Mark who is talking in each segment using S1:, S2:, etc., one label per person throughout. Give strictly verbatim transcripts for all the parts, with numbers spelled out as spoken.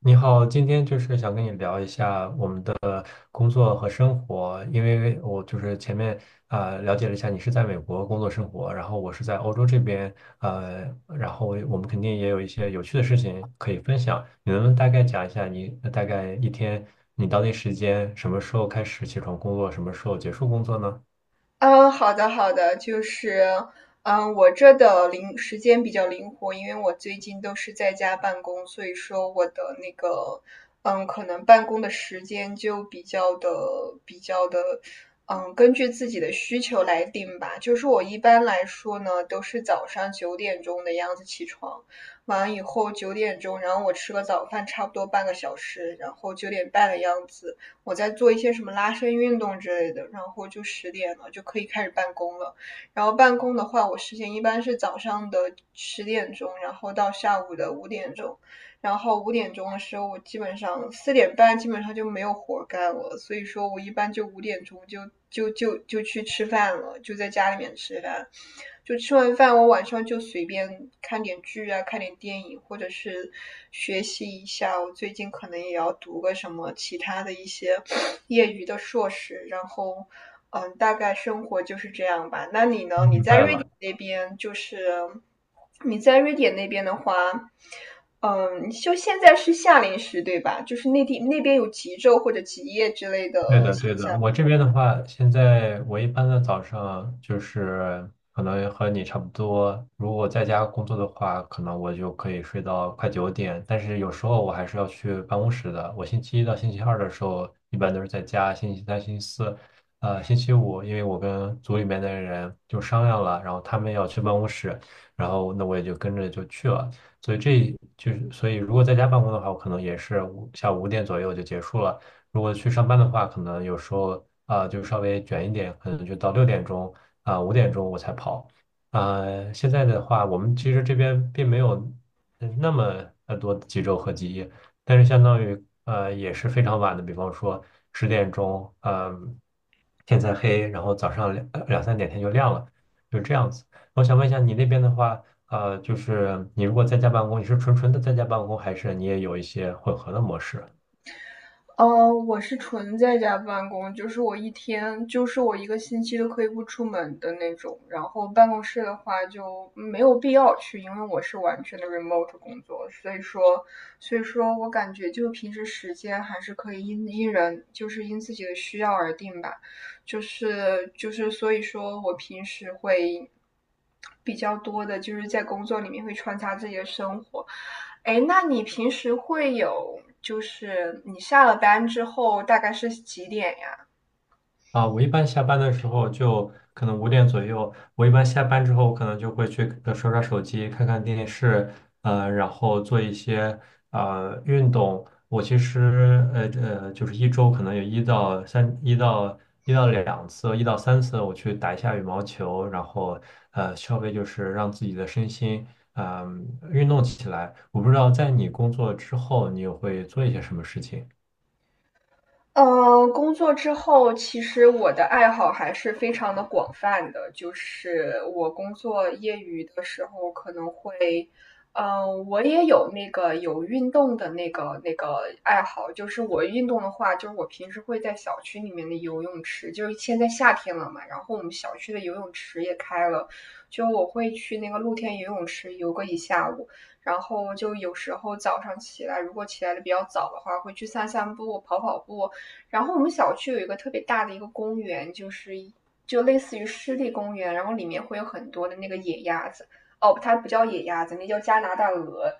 S1: 你好，今天就是想跟你聊一下我们的工作和生活，因为我就是前面呃了解了一下你是在美国工作生活，然后我是在欧洲这边，呃，然后我们肯定也有一些有趣的事情可以分享。你能不能大概讲一下你大概一天你当地时间什么时候开始起床工作，什么时候结束工作呢？
S2: 嗯，好的好的，就是，嗯，我这的灵时间比较灵活，因为我最近都是在家办公，所以说我的那个，嗯，可能办公的时间就比较的比较的，嗯，根据自己的需求来定吧。就是我一般来说呢，都是早上九点钟的样子起床，完以后九点钟，然后我吃个早饭，差不多半个小时，然后九点半的样子。我在做一些什么拉伸运动之类的，然后就十点了就可以开始办公了。然后办公的话，我时间一般是早上的十点钟，然后到下午的五点钟。然后五点钟的时候，我基本上四点半基本上就没有活干了，所以说我一般就五点钟就就就就去吃饭了，就在家里面吃饭。就吃完饭，我晚上就随便看点剧啊，看点电影，或者是学习一下。我最近可能也要读个什么其他的一些业余的硕士，然后嗯，大概生活就是这样吧。那你
S1: 我
S2: 呢？你
S1: 明
S2: 在
S1: 白
S2: 瑞典
S1: 了。
S2: 那边就是你在瑞典那边的话，嗯，就现在是夏令时，对吧？就是内地那边有极昼或者极夜之类
S1: 对
S2: 的
S1: 的，对
S2: 现
S1: 的。
S2: 象。
S1: 我这边的话，现在我一般的早上就是可能和你差不多。如果在家工作的话，可能我就可以睡到快九点。但是有时候我还是要去办公室的。我星期一到星期二的时候，一般都是在家；星期三、星期四，呃，星期五，因为我跟组里面的人就商量了，然后他们要去办公室，然后那我也就跟着就去了。所以这就是，所以如果在家办公的话，我可能也是五下午五点左右就结束了。如果去上班的话，可能有时候啊、呃就稍微卷一点，可能就到六点钟啊、五点钟我才跑。呃，现在的话，我们其实这边并没有呃那么呃多的几周和几夜，但是相当于呃也是非常晚的，比方说十点钟，嗯、天才黑，然后早上两呃两三点天就亮了，就这样子。我想问一下你那边的话，呃，就是你如果在家办公，你是纯纯的在家办公，还是你也有一些混合的模式？
S2: 呃，我是纯在家办公，就是我一天，就是我一个星期都可以不出门的那种。然后办公室的话就没有必要去，因为我是完全的 remote 工作，所以说，所以说我感觉就平时时间还是可以因因人，就是因自己的需要而定吧。就是就是所以说我平时会比较多的就是在工作里面会穿插自己的生活，哎，那你平时会有，就是你下了班之后大概是几点呀？
S1: 啊，我一般下班的时候就可能五点左右，我一般下班之后，我可能就会去呃刷刷手机，看看电视，呃，然后做一些呃运动。我其实呃呃，就是一周可能有一到三、一到一到两次、一到三次，我去打一下羽毛球，然后呃，稍微就是让自己的身心嗯、运动起来。我不知道在你工作之后，你有会做一些什么事情？
S2: 呃，工作之后，其实我的爱好还是非常的广泛的。就是我工作业余的时候，可能会，呃，我也有那个有运动的那个那个爱好。就是我运动的话，就是我平时会在小区里面的游泳池，就是现在夏天了嘛，然后我们小区的游泳池也开了，就我会去那个露天游泳池游个一下午。然后就有时候早上起来，如果起来的比较早的话，会去散散步、跑跑步。然后我们小区有一个特别大的一个公园，就是就类似于湿地公园，然后里面会有很多的那个野鸭子。哦，它不叫野鸭子，那叫加拿大鹅。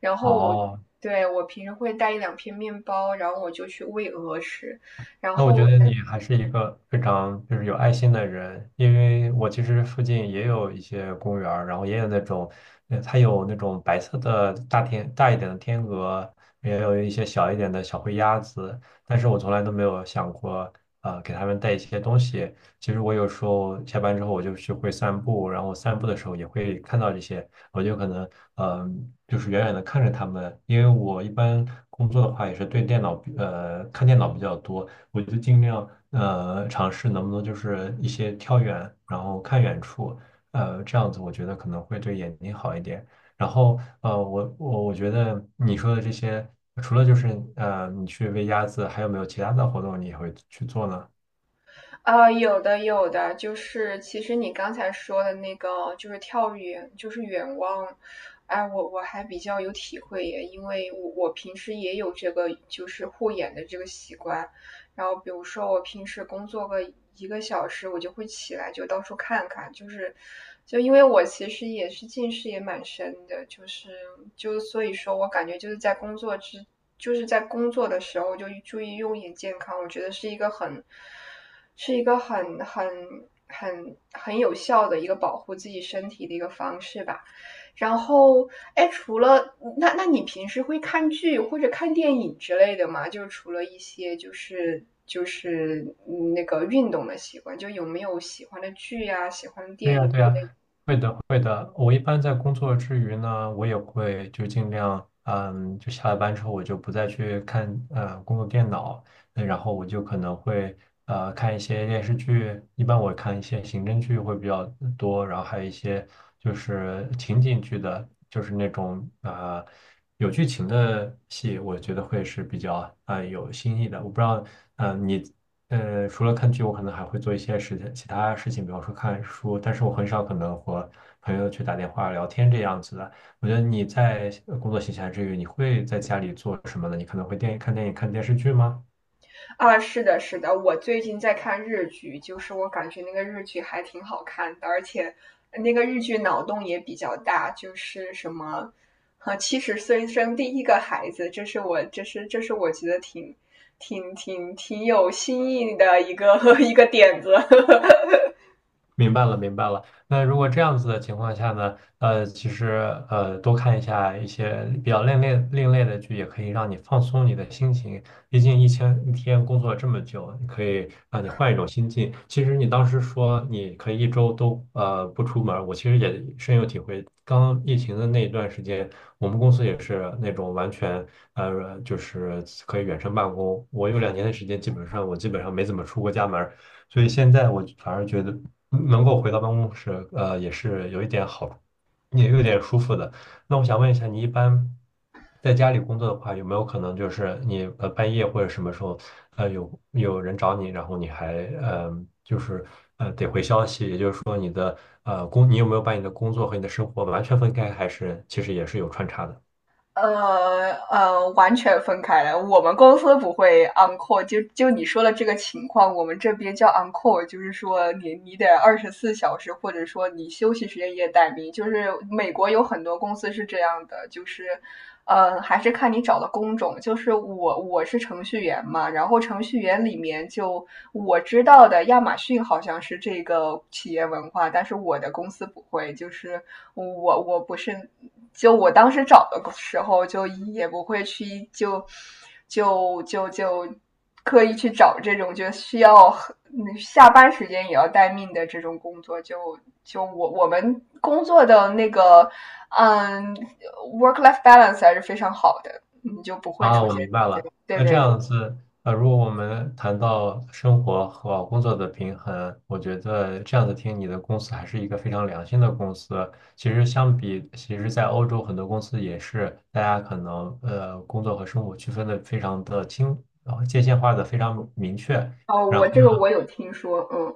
S2: 然后我
S1: 哦，
S2: 对，我平时会带一两片面包，然后我就去喂鹅吃。然
S1: 那我
S2: 后
S1: 觉
S2: 我
S1: 得
S2: 感
S1: 你还是一个非常就是有爱心的人，因为我其实附近也有一些公园儿然后也有那种，呃，它有那种白色的大天大一点的天鹅，也有一些小一点的小灰鸭子，但是我从来都没有想过，呃，给它们带一些东西。其实我有时候下班之后我就去会散步，然后散步的时候也会看到这些，我就可能嗯、就是远远的看着它们，因为我一般工作的话也是对电脑呃看电脑比较多。我就尽量呃尝试能不能就是一些跳远，然后看远处，呃，这样子我觉得可能会对眼睛好一点。然后呃，我我我觉得你说的这些，除了就是呃你去喂鸭子，还有没有其他的活动你也会去做呢？
S2: 呃，有的有的，就是其实你刚才说的那个，就是跳远，就是远望。哎，我我还比较有体会耶，因为我我平时也有这个就是护眼的这个习惯。然后比如说我平时工作个一个小时，我就会起来就到处看看，就是就因为我其实也是近视也蛮深的，就是就所以说我感觉就是在工作之就是在工作的时候就注意用眼健康，我觉得是一个很是一个很很很很有效的一个保护自己身体的一个方式吧。然后，哎，除了那，那你平时会看剧或者看电影之类的吗？就是除了一些就是就是嗯那个运动的习惯，就有没有喜欢的剧呀、喜欢的
S1: 对
S2: 电
S1: 呀，
S2: 影
S1: 对呀，会的，会的。我一般在工作之余呢，我也会就尽量，嗯，就下了班之后，我就不再去看嗯，工作电脑，那然后我就可能会呃看一些电视剧，一般我看一些刑侦剧会比较多，然后还有一些就是情景剧的，就是那种呃有剧情的戏，我觉得会是比较呃有新意的。我不知道，嗯、你。呃，除了看剧，我可能还会做一些事情，其他事情，比方说看书，但是我很少可能和朋友去打电话聊天这样子的。我觉得你在呃工作闲暇之余，你会在家里做什么呢？你可能会电看电影、看电视剧吗？
S2: 啊，是的，是的，我最近在看日剧，就是我感觉那个日剧还挺好看的，而且那个日剧脑洞也比较大，就是什么，啊，七十岁生第一个孩子，这是我，这是这是我觉得挺挺挺挺有新意的一个 一个点子，
S1: 明白了，明白了。那如果这样子的情况下呢，呃，其实呃，多看一下一些比较另类另类的剧，也可以让你放松你的心情。毕竟一天一天工作了这么久，你可以让你换一种心境。其实你当时说你可以一周都呃不出门儿，我其实也深有体会。刚疫情的那一段时间，我们公司也是那种完全呃就是可以远程办公。我有两年的时间，基本上我基本上没怎么出过家门。所以现在我反而觉得能够回到办公室，呃，也是有一点好，也有点舒服的。那我想问一下，你一般在家里工作的话，有没有可能就是你呃半夜或者什么时候，呃有有人找你，然后你还呃就是呃得回消息，也就是说你的呃工，你有没有把你的工作和你的生活完全分开，还是其实也是有穿插的？
S2: 呃呃，完全分开来。我们公司不会 on call，就就你说的这个情况，我们这边叫 on call，就是说你你得二十四小时，或者说你休息时间也待命。就是美国有很多公司是这样的，就是呃，还是看你找的工种。就是我我是程序员嘛，然后程序员里面就我知道的，亚马逊好像是这个企业文化，但是我的公司不会，就是我我不是就我当时找的时候，就也不会去就就就就刻意去找这种就需要下班时间也要待命的这种工作。就就我我们工作的那个嗯 work life balance 还是非常好的，你就不会
S1: 啊，
S2: 出
S1: 我
S2: 现。
S1: 明白了。
S2: 对
S1: 那这
S2: 对对。
S1: 样子，呃，如果我们谈到生活和工作的平衡，我觉得这样子听你的公司还是一个非常良心的公司。其实相比，其实在欧洲很多公司也是，大家可能呃工作和生活区分的非常的清，呃界限化的非常明确。
S2: 哦，我这个我有听说。嗯。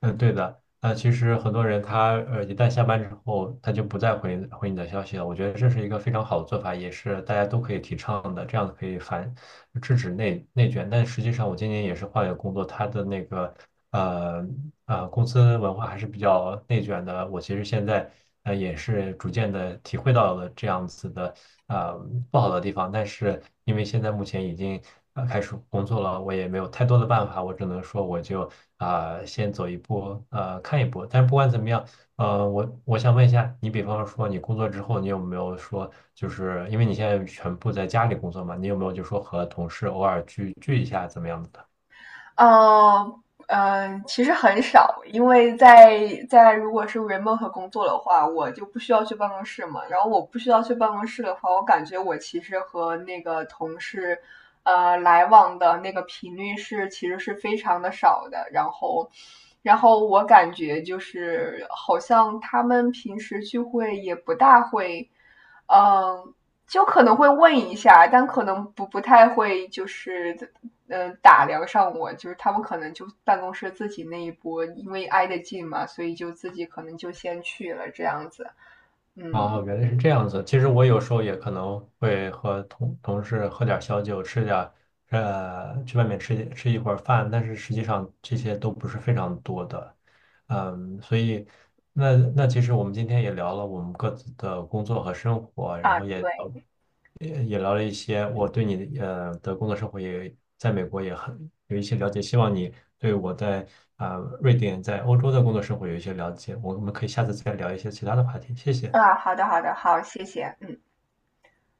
S1: 嗯，对的。那其实很多人他呃一旦下班之后，他就不再回回你的消息了。我觉得这是一个非常好的做法，也是大家都可以提倡的，这样可以反制止内内卷，但实际上我今年也是换了工作，他的那个呃呃公司文化还是比较内卷的。我其实现在呃也是逐渐的体会到了这样子的呃不好的地方，但是因为现在目前已经呃开始工作了，我也没有太多的办法，我只能说我就啊、先走一步呃看一步。但是不管怎么样。呃，我我想问一下，你比方说你工作之后，你有没有说，就是因为你现在全部在家里工作嘛，你有没有就说和同事偶尔聚聚一下怎么样子的？
S2: 嗯嗯，其实很少，因为在在如果是 remote 工作的话，我就不需要去办公室嘛。然后我不需要去办公室的话，我感觉我其实和那个同事呃来往的那个频率是其实是非常的少的。然后。然后我感觉就是好像他们平时聚会也不大会，嗯，就可能会问一下，但可能不不太会，就是嗯呃打量上我，就是他们可能就办公室自己那一波，因为挨得近嘛，所以就自己可能就先去了这样子
S1: 哦，原来是这样子。其实我有时候也可能会和同同事喝点小酒，吃点呃，去外面吃一吃一会儿饭，但是实际上这些都不是非常多的。嗯，所以那那其实我们今天也聊了我们各自的工作和生活，然
S2: 啊，
S1: 后也
S2: 对，
S1: 聊也也聊了一些我对你的呃的工作生活也在美国也很有一些了解，希望你对我在啊、呃瑞典在欧洲的工作生活有一些了解，我们可以下次再聊一些其他的话题，谢谢。
S2: 啊。好的，好的，好，谢谢，嗯。